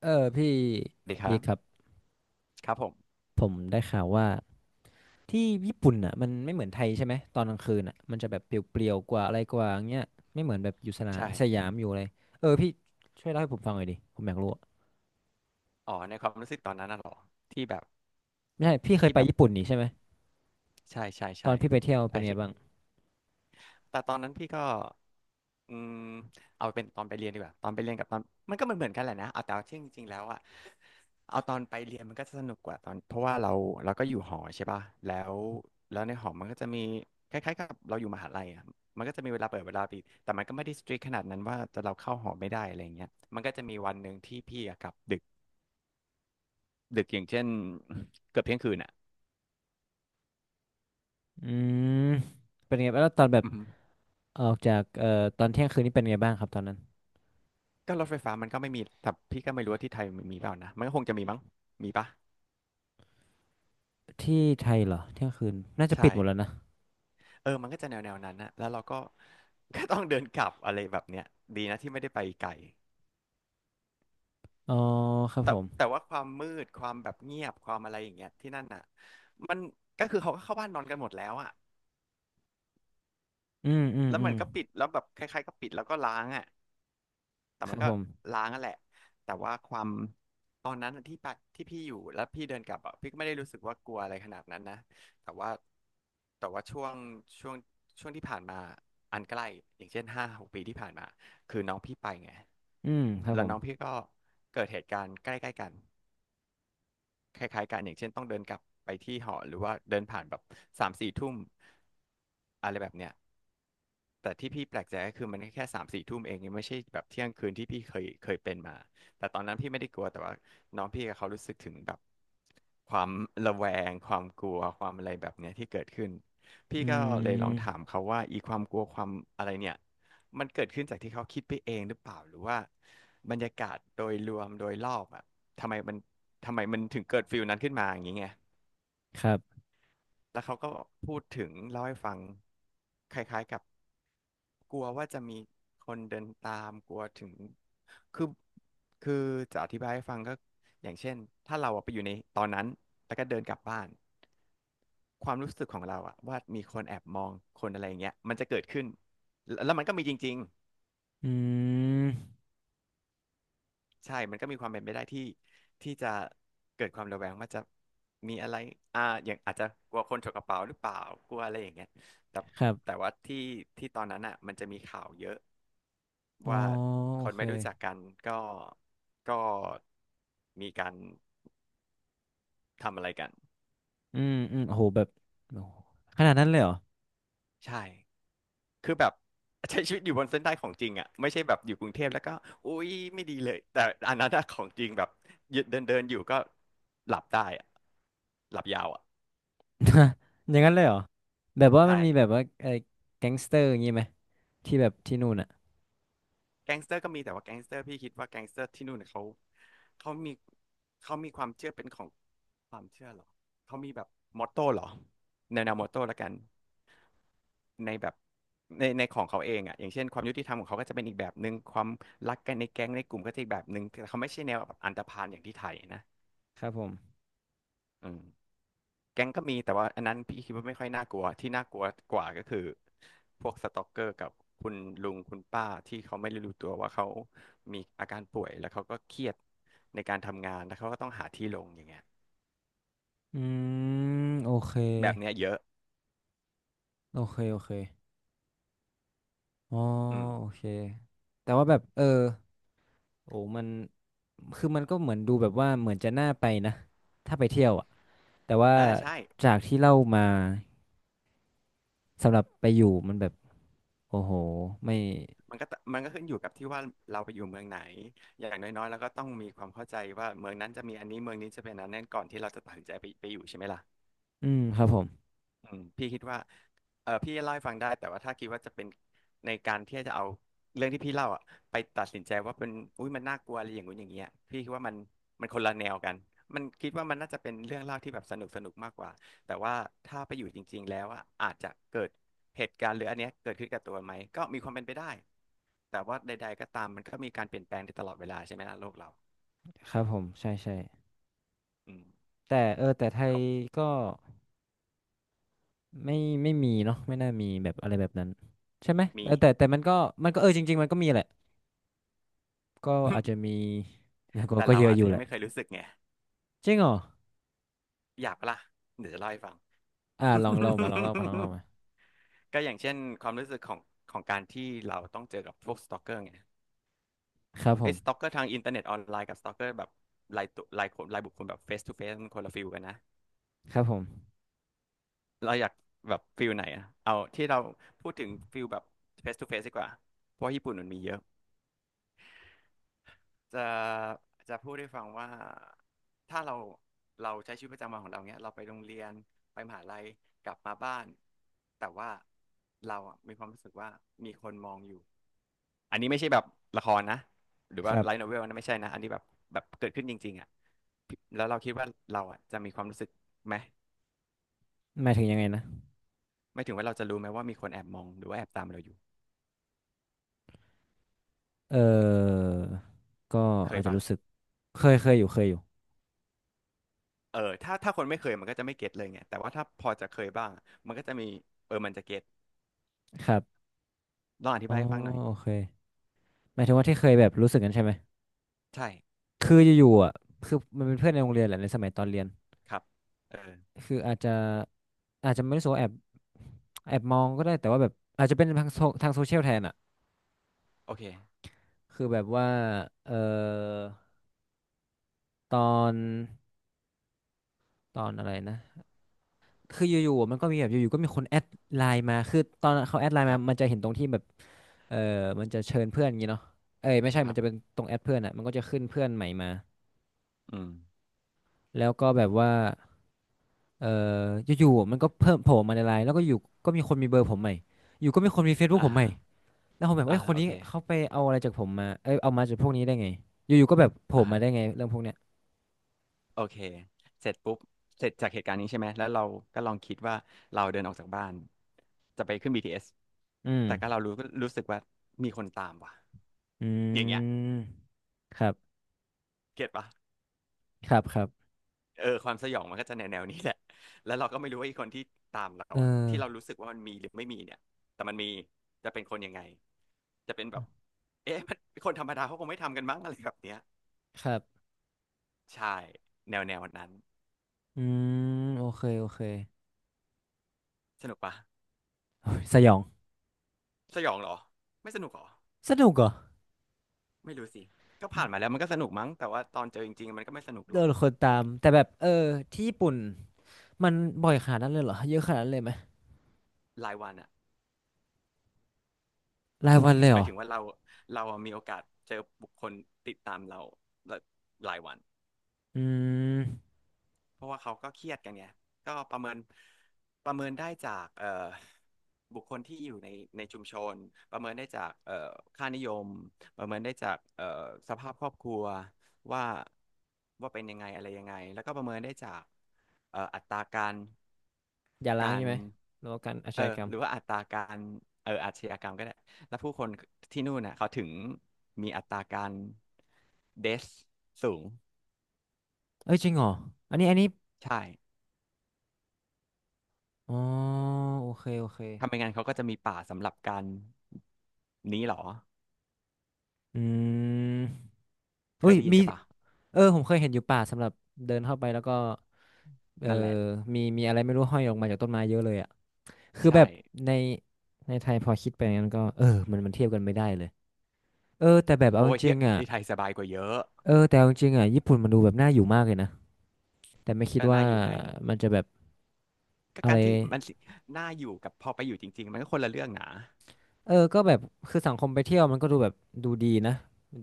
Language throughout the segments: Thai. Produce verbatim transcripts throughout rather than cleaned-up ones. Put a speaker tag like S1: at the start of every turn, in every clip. S1: เออพี่
S2: ดีค
S1: พี่
S2: รั
S1: ครับ
S2: บครับผม
S1: ผมได้ข่าวว่าที่ญี่ปุ่นอ่ะมันไม่เหมือนไทยใช่ไหมตอนกลางคืนอ่ะมันจะแบบเปลี่ยวๆกว่าอะไรกว่าอย่างเงี้ยไม่เหมือนแบบอยู่สนา
S2: ใช่
S1: สยามอยู่เลยเออพี่ช่วยเล่าให้ผมฟังหน่อยดิผมอยากรู้อะ
S2: อ๋อในความรู้สึกตอนนั้นน่ะเหรอที่แบบ
S1: ไม่ใช่พี่เคย
S2: ที่
S1: ไป
S2: แบบ
S1: ญี่ปุ่นนี่ใช่ไหม
S2: ใช่ใช่
S1: ตอ
S2: ใช่
S1: นพี่ไปเที่ยวเป็
S2: ได้
S1: นไง
S2: สิ
S1: บ้าง
S2: แต่ตอนนั้นพี่ก็อืมเอาเป็นตอนไปเรียนดีกว่าตอนไปเรียนกับตอนมันก็เหมือนเหมือนกันแหละนะเอาแต่ว่าจริงจริงๆแล้วอะเอาตอนไปเรียนมันก็จะสนุกกว่าตอนเพราะว่าเราเราก็อยู่หอใช่ป่ะแล้วแล้วในหอมันก็จะมีคล้ายๆกับเราอยู่มหาลัยอะมันก็จะมีเวลาเปิดเวลาปิดแต่มันก็ไม่ได้สตริกขนาดนั้นว่าจะเราเข้าหอไม่ได้อะไรอย่างเงี้ยมันก็จะมีวันหนึ่งที่พี่อะกลับดึก ดึกอย่างเช่น เกือบเที่ยงคืนอ่ะ
S1: อืมเป็นไงบ้างแล้วตอนแบบ
S2: อืม
S1: ออกจากเอ่อตอนเที่ยงคืนนี่เป็นไงบ้างครับตอนนั้น
S2: ก็รถไฟฟ้ามันก็ไม่มีแต่พี่ก็ไม่รู้ว่าที่ไทยมันมีเปล่านะมันก็คงจะมีมั้งมีปะ
S1: ที่ไทยเหรอเที่ยงคืนน่าจะปิ
S2: ใช่
S1: ดหมดแล้วนะ
S2: เออมันก็จะแนวแนวนั้นนะแล้วเราก็ ก็ต้องเดินกลับอะไรแบบเนี้ยดีนะที่ไม่ได้ไปไกล
S1: อ๋อครับ
S2: แต่
S1: ผม
S2: แต่ว่าความมืดความแบบเงียบความอะไรอย่างเงี้ยที่นั่นอ่ะมันก็คือเขาก็เข้าบ้านนอนกันหมดแล้วอ่ะ
S1: อืมอืม
S2: แล้ว
S1: อื
S2: มั
S1: ม
S2: นก็ปิดแล้วแบบคล้ายๆก็ปิดแล้วก็ล้างอ่ะ แต่
S1: ค
S2: มั
S1: รั
S2: น
S1: บ
S2: ก็
S1: ผม
S2: ล้างนั่นแหละ แต่ว่าความตอนนั้นที่ไปที่พี่อยู่แล้วพี่เดินกลับอ่ะพี่ก็ไม่ได้รู้สึกว่ากลัวอะไรขนาดนั้นนะ แต่ว่าแต่ว่าช่วงช่วงช่วงที่ผ่านมาอันใกล้อย่างเช่นห้าหกปีที่ผ่านมาคือน้องพี่ไปไง
S1: อืมครับ
S2: แล้
S1: ผ
S2: ว
S1: ม
S2: น้องพี่ก็เกิดเหตุการณ์ใกล้ๆกัน คล้ายๆกันอย่างเช่นต้องเดินกลับไปที่หอหรือว่าเดินผ่านแบบสามสี่ทุ่มอะไรแบบเนี้ยแต่ที่พี่แปลกใจก็คือมันแค่สามสี่ทุ่มเองยังไม่ใช่แบบเที่ยงคืนที่พี่เคยเคยเป็นมาแต่ตอนนั้นพี่ไม่ได้กลัวแต่ว่าน้องพี่กับเขารู้สึกถึงแบบความระแวงความกลัวความอะไรแบบเนี้ยที่เกิดขึ้นพี่
S1: อื
S2: ก็เลยลอ
S1: ม
S2: งถามเขาว่าอีความกลัวความอะไรเนี่ยมันเกิดขึ้นจากที่เขาคิดไปเองหรือเปล่าหรือว่าบรรยากาศโดยรวมโดยรอบอ่ะ ทำไมมันทำไมมันถึงเกิดฟิลนั้นขึ้นมาอย่างนี้ไง
S1: ครับ
S2: แล้วเขาก็พูดถึงเล่าให้ฟังคล้ายๆกับกลัวว่าจะมีคนเดินตามกลัวถึงคือคือจะอธิบายให้ฟังก็อย่างเช่นถ้าเราอะไปอยู่ในตอนนั้นแล้วก็เดินกลับบ้านความรู้สึกของเราอะว่ามีคนแอบมองคนอะไรอย่างเงี้ยมันจะเกิดขึ้นแล้วแล้วมันก็มีจริง
S1: อืม
S2: ใช่มันก็มีความเป็นไปได้ที่ที่จะเกิดความระแวงว่าจะมีอะไรอ่าอย่างอาจจะกลัวคนฉกกระเป๋าหรือเปล่ากลัวอะไรอย่างเงี้ยแต่
S1: ครับ
S2: แต่ว่าที่ที่ตอนนั้นอ่ะมันจะมีข่าวเยอะ
S1: อ๋อ
S2: ว่าค
S1: โอ
S2: น
S1: เค
S2: ไม่รู้จักกันก็ก็มีการทำอะไรกัน
S1: อืมอืมโหแบบโอ้โหขนาดนั้นเลยเหรอ
S2: ใช่คือแบบใช้ชีวิตอยู่บนเส้นได้ของจริงอ่ะไม่ใช่แบบอยู่กรุงเทพแล้วก็อุ๊ยไม่ดีเลยแต่อันนั้นอะของจริงแบบเดินเดินอยู่ก็หลับได้อะหลับยาวอ่ะ
S1: อย่างนั้นเลยเหรอแบบว่ามั
S2: ใช่
S1: นมีแบบว่าไอ้แก๊งสเตอร์อย่างงี้ไหมที่แบบที่นู่นอ่ะ
S2: แก๊งสเตอร์ก็มีแต่ว่าแก๊งสเตอร์พี่คิดว่าแก๊งสเตอร์ที่นู่นเนยเขาเขามีเขามีความเชื่อเป็นของความเชื่อเหรอเขามีแบบมอตโต้เหรอแนวแนวมอตโต้ละกันในแบบในในของเขาเองอ่ะอย่างเช่นความยุติธรรมของเขาก็จะเป็นอีกแบบหนึ่งความรักกันในแก๊งในกลุ่มก็จะอีกแบบหนึ่งแต่เขาไม่ใช่แนวแบบอันธพาลอย่างที่ไทยนะ
S1: ครับผม
S2: อืม แก๊งก็มีแต่ว่าอันนั้นพี่คิดว่าไม่ค่อยน่ากลัวที่น่ากลัวกว่าก็คือพวกสตอกเกอร์กับคุณลุงคุณป้าที่เขาไม่ได้รู้ตัวว่าเขามีอาการป่วยแล้วเขาก็เครียดในการทำงานแล้วเขาก็ต้องหาที่ลงอย่างเงี้ย
S1: อืมโอเค
S2: แบบเนี้ยเยอะ
S1: โอเคโอเคอ๋อ
S2: อืม
S1: โอเคแต่ว่าแบบเออโอ้มันคือมันก็เหมือนดูแบบว่าเหมือนจะน่าไปนะถ้าไปเที่ยวอ่ะแต่ว่า
S2: เออใช่
S1: จากที่เล่ามาสำหรับไปอยู่มันแบบโอ้โหไม่
S2: มันก็ตมันก็ขึ้นอยู่กับที่ว่าเราไปอยู่เมืองไหนอย่างน้อยๆแล้วก็ต้องมีความเข้าใจว่าเมืองนั้นจะมีอันนี้เมืองนี้จะเป็นอันนั้นก่อนที่เราจะตัดสินใจไปไปอยู่ใช่ไหมล่ะ
S1: อืมครับผม
S2: อืมพี่คิดว่าเออพี่เล่าให้ฟังได้แต่ว่าถ้าคิดว่าจะเป็นในการที่จะเอาเรื่องที่พี่เล่าอ่ะไปตัดสินใจว่าเป็นอุ้ยมันน่ากลัวอะไรอย่างงู้นอย่างเงี้ยพี่คิดว่ามันมันคนละแนวกันมันคิดว่ามันน่าจะเป็นเรื่องเล่าที่แบบสนุกสนุกมากกว่าแต่ว่าถ้าไปอยู่จริงๆแล้วอะอาจจะเกิดเหตุการณ์หรืออันเนี้ยเกิดขึ้นกับตัวไหมก็มีความเป็นไปได้แต่ว่าใดๆก็ตามมันก็มีการเปลี่ยนแปลงในตลอดเวลาใช่ไหมล่ะโลกเรา
S1: ครับผมใช่ใช่
S2: อืม
S1: แต่เออแต่ไทย
S2: เรา
S1: ก็ไม่ไม่มีเนาะไม่น่ามีแบบอะไรแบบนั้นใช่ไหม
S2: มี
S1: เออแต่แต่มันก็มันก็เออจริงๆมันก็มีแหละก็อาจจะมี นะก็
S2: แต่
S1: ก็
S2: เรา
S1: เยอะ
S2: อาจ
S1: อ
S2: จะ
S1: ยู่
S2: ยั
S1: แห
S2: ง
S1: ละ
S2: ไม่เคยรู้สึกไง
S1: จริงเหรอ
S2: อยากปะล่ะเดี๋ยวจะเล่าให้ฟัง
S1: อ่าลองเล่ามาลองเล่ามาลองเล่ามา
S2: ก็อย่างเช่นความรู้สึกของของการที่เราต้องเจอกับพวกสตอกเกอร์ไง
S1: ครับผ
S2: ไอ้
S1: ม
S2: สตอกเกอร์ทางอินเทอร์เน็ตออนไลน์กับสตอกเกอร์แบบรายตัวรายคนรายบุคคลแบบเฟสทูเฟสมันคนละฟิลกันนะ
S1: ครับผม
S2: เราอยากแบบฟิลไหนอะเอาที่เราพูดถึงฟิลแบบเฟสทูเฟสดีกว่าเพราะว่าญี่ปุ่นมันมีเยอะจะจะพูดให้ฟังว่าถ้าเราเราใช้ชีวิตประจำวันของเราเนี้ยเราไปโรงเรียนไปมหาลัยกลับมาบ้านแต่ว่าเราอะมีความรู้สึกว่ามีคนมองอยู่ อันนี้ไม่ใช่แบบละครนะหรือ
S1: ค
S2: ว่า
S1: รั
S2: ไลท์
S1: บ
S2: โนเวลนะไม่ใช่นะอันนี้แบบแบบเกิดขึ้นจริงๆอ่ะแล้วเราคิดว่าเราอ่ะจะมีความรู้สึกไหม
S1: หมายถึงยังไงนะ
S2: ไม่ถึงว่าเราจะรู้ไหมว่ามีคนแอบมองหรือว่าแอบตามเราอยู่
S1: เออก็
S2: เค
S1: อา
S2: ย
S1: จจะ
S2: ปะ
S1: รู้สึกเคยเคยอยู่เคยอยู่
S2: เออถ้าถ้าคนไม่เคยมันก็จะไม่เก็ตเลยไงแต่ว่าถ้าพอจะเคยบ้างมันก็จะมีเออมันจะเก็ต
S1: ครับ
S2: ลองอธิ
S1: อ๋อ
S2: บายให้ฟังหน่อย
S1: โอเคหมายถึงว่าที่เคยแบบรู้สึกกันใช่ไหม
S2: ใช่
S1: คืออยู่ๆอ่ะคือมันเป็นเพื่อนในโรงเรียนแหละในสมัยตอนเรียน
S2: ครับเออ
S1: คืออาจจะอาจจะไม่รู้สึกว่าแอบ แอบมองก็ได้แต่ว่าแบบอาจจะเป็นทางโซทางโซเชียลแทนอ่ะ
S2: โอเค
S1: คือแบบว่าเอ่อตอน ตอนอะไรนะ คืออยู่ๆมันก็มีแบบอยู่ๆก็มีคนแอดไลน์มาคือตอนเขาแอดไลน์
S2: ค
S1: มา
S2: รับ
S1: มันจะเห็นตรงที่แบบ เออมันจะเชิญเพื่อนอย่างงี้เนาะเอ้ยไม่ใช่
S2: ค
S1: มั
S2: รั
S1: นจะเป็
S2: บ
S1: นตรงแอดเพื่อนอ่ะมันก็จะขึ้นเพื่อนใหม่มา
S2: อืม
S1: แล้วก็แบบว่า เอออยู่ๆมันก็เพิ่มโผล่มาในไลน์แล้วก็อยู่ก็มีคนมีเบอร์ผมใหม่อยู่ก็มีคนมี Facebook
S2: อ่า
S1: ผมใหม่แล้วผมแบบเอ้
S2: อ่า
S1: ยคน
S2: โอ
S1: นี้
S2: เค
S1: เขาไปเอาอะไรจากผมมาเอ้ยเอามาจากพวกนี้ได้ไงอยู่ๆก็แบบโผล่มาได้ไง
S2: อ่า
S1: เรื่องพวกเนี้ย
S2: โอเคเสร็จปุ๊บเสร็จจากเหตุการณ์นี้ใช่ไหม แล้วเราก็ลองคิดว่าเราเดินออกจากบ้านจะไปขึ้น บี ที เอส
S1: อืม
S2: แต่ก็เรารู้รู้สึกว่ามีคนตามว่ะ
S1: อื
S2: อย่างเงี้ย
S1: มครับ
S2: เก็ตปะ
S1: ครับครับ
S2: เออความสยองมันก็จะแนวแนวนี้แหละแล้วเราก็ไม่รู้ว่าไอ้คนที่ตามเรา
S1: เออ
S2: อะที่เรารู้สึกว่ามันมีหรือไม่มีเนี่ยแต่มันมีจะเป็นคนยังไงจะเป็นแบบเอ๊ะมันคนธรรมดาเขาคงไม่ทำกันมั้งอะไรแบบเนี้ย
S1: ครับ
S2: ใช่ แนวแนวนั้น
S1: อืมโอเคโอเค
S2: สนุกปะ
S1: โอ้ยสยอง
S2: สยองเหรอไม่สนุกเหรอ
S1: สนุกเหรอ
S2: ไม่รู้สิ ก็ผ่านมาแล้วมันก็สนุกมั้ง แต่ว่าตอนเจอจริงๆมันก็ไม่สนุกหร
S1: เดิ
S2: อก
S1: นคนตามแต่แบบเออที่ญี่ปุ่นมันบ่อยขนาดนั้นเลยเหรอเยอะขนาดนั้นเลยไหม
S2: รายวันอะ
S1: รายวันเลย
S2: ห
S1: เหร
S2: มาย
S1: อ
S2: ถึงว่าเราเราอะมีโอกาสเจอบุคคลติดตามเราหลายวัน
S1: อืม
S2: เพราะว่าเขาก็เครียดกันไงก็ประเมินประเมินได้จากเอ่อบุคคลที่อยู่ในในชุมชนประเมินได้จากเอ่อค่านิยม ประเมินได้จากเอ่อสภาพครอบครัวว่าว่าเป็นยังไงอะไรยังไงแล้วก็ประเมินได้จากเอ่ออัตราการ
S1: อย่าล้าง
S2: การ
S1: ใช่ไหมแล้วกันอาช
S2: เออ
S1: ญากรรม
S2: หรือว่าอัตราการเอออาชญากรรมก็ได้แล้วผู้คนที่นู่นน่ะเขาถึงมีอัตราการเดสสูง
S1: เอ้ยจริงเหรออันนี้อันนี้
S2: ใช่
S1: อ๋อโอเคโอเค
S2: ทำไมงั้นเขาก็จะมีป่าสำหรับการนี้เหรอ
S1: อืม
S2: เค
S1: อุ้
S2: ย
S1: ย
S2: ได้ยิน
S1: มี
S2: ใช่ปะ
S1: เออผมเคยเห็นอยู่ป่าสำหรับเดินเข้าไปแล้วก็เออ
S2: นั่นแหละ
S1: มีมีอะไรไม่รู้ห้อยออกมาจากต้นไม้เยอะเลยอะ คือแบ
S2: ใช่
S1: บในในไทยพอคิดไปงั้นก็เออมันมันเทียบกันไม่ได้เลยเออแต่แบบเอา
S2: โอ้
S1: จ
S2: ยเที่
S1: ริ
S2: ย
S1: งๆอ่ะ
S2: ที่ไทยสบายกว่าเยอะ
S1: เออแต่เอาจริงๆอ่ะญี่ปุ่นมันดูแบบน่าอยู่มากเลยนะแต่ไม่คิด
S2: ก็
S1: ว่า
S2: น่าอยู่ไง
S1: มันจะแบบ
S2: ก็
S1: อะ
S2: กา
S1: ไร
S2: รที่มันสิน่าอยู่กับพอไปอยู่จริงๆมันก็คนละเรื่องนะ
S1: เออก็แบบคือสังคมไปเที่ยวมันก็ดูแบบดูดีนะ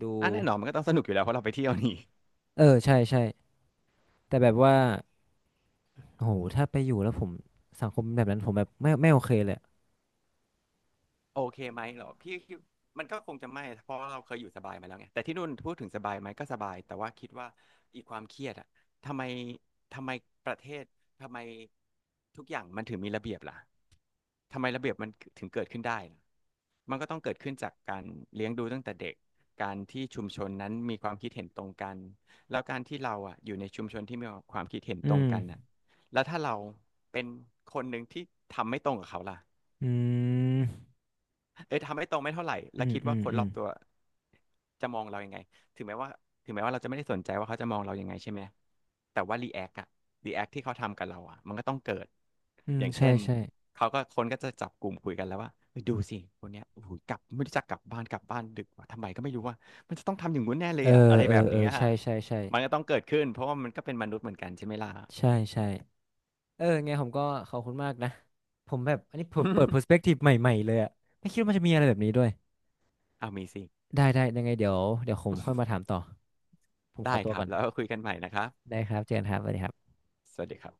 S1: ดู
S2: อ่ะแน่นอนมันก็ต้องสนุกอยู่แล้วเพราะเราไปเที่ยวนี่
S1: เออใช่ใช่แต่แบบว่าโอ้โหถ้าไปอยู่แล้วผมสังคมแบบนั้นผมแบบไม่ไม่โอเคเลยอะ
S2: โอเคไหมเหรอพี่คิดมันก็คงจะไม่เพราะ่เราเคยอยู่สบายมาแล้วไงแต่ที่นู่นพูดถึงสบายไหมก็สบายแต่ว่าคิดว่าอีกความเครียดอะทำไมทำไมประเทศทำไมทุกอย่างมันถึงมีระเบียบล่ะทำไมระเบียบมันถึงเกิดขึ้นได้ล่ะมันก็ต้องเกิดขึ้นจากการเลี้ยงดูตั้งแต่เด็กการที่ชุมชนนั้นมีความคิดเห็นตรงกันแล้วการที่เราอะอยู่ในชุมชนที่มีความคิดเห็น
S1: อื
S2: ตรง
S1: ม
S2: กันอะแล้วถ้าเราเป็นคนหนึ่งที่ทำไม่ตรงกับเขาล่ะ
S1: อืม
S2: เอ้ยทำให้ตรงไม่เท่าไหร่
S1: อื
S2: แล้ว
S1: ม
S2: คิด
S1: อื
S2: ว่า
S1: ม
S2: คน
S1: อื
S2: รอ
S1: ม
S2: บตัวจะมองเรายังไงถึงแม้ว่าถึงแม้ว่าเราจะไม่ได้สนใจว่าเขาจะมองเรายังไงใช่ไหมแต่ว่ารีแอคอะรีแอคที่เขาทำกับเราอะมันก็ต้องเกิด
S1: อืม
S2: อย่าง
S1: ใช่
S2: เช่น
S1: ใช่
S2: เขาก็คนก็จะจับกลุ่มคุยกันแล้วว่าเฮ้ยดูสิคนเนี้ยโอ้โหกลับไม่รู้จักกลับบ้านกลับบ้านดึกว่าทำไมก็ไม่รู้ว่ามันจะต้องทำอย่างงู้นแน่เล
S1: เอ
S2: ย
S1: อ
S2: อะอะไร
S1: เออ
S2: แบบ
S1: เออ
S2: นี้
S1: ใช่
S2: อะ
S1: ใช่ใช่
S2: มันก็ต้องเกิดขึ้นเพราะว่ามันก็เป็นมนุษย์เหมือนกันใช่ไหมล่ะ
S1: ใช่ใช่ เออไงผมก็ขอบคุณมากนะผมแบบอันนี้เปิดเปิด perspective ใหม่ๆเลยอะไม่คิดว่ามันจะมีอะไรแบบนี้ด้วย
S2: เอามีสิ
S1: ได้ได้ยังไงเดี๋ยวเดี๋ยวผมค่อยมาถามต่อผมขอ
S2: ได้
S1: ตัว
S2: ครั
S1: ก่
S2: บ
S1: อน
S2: แล้วคุยกันใหม่นะครับ
S1: ได้ครับเจอกันครับสวัสดีครับ
S2: สวัสดีครับ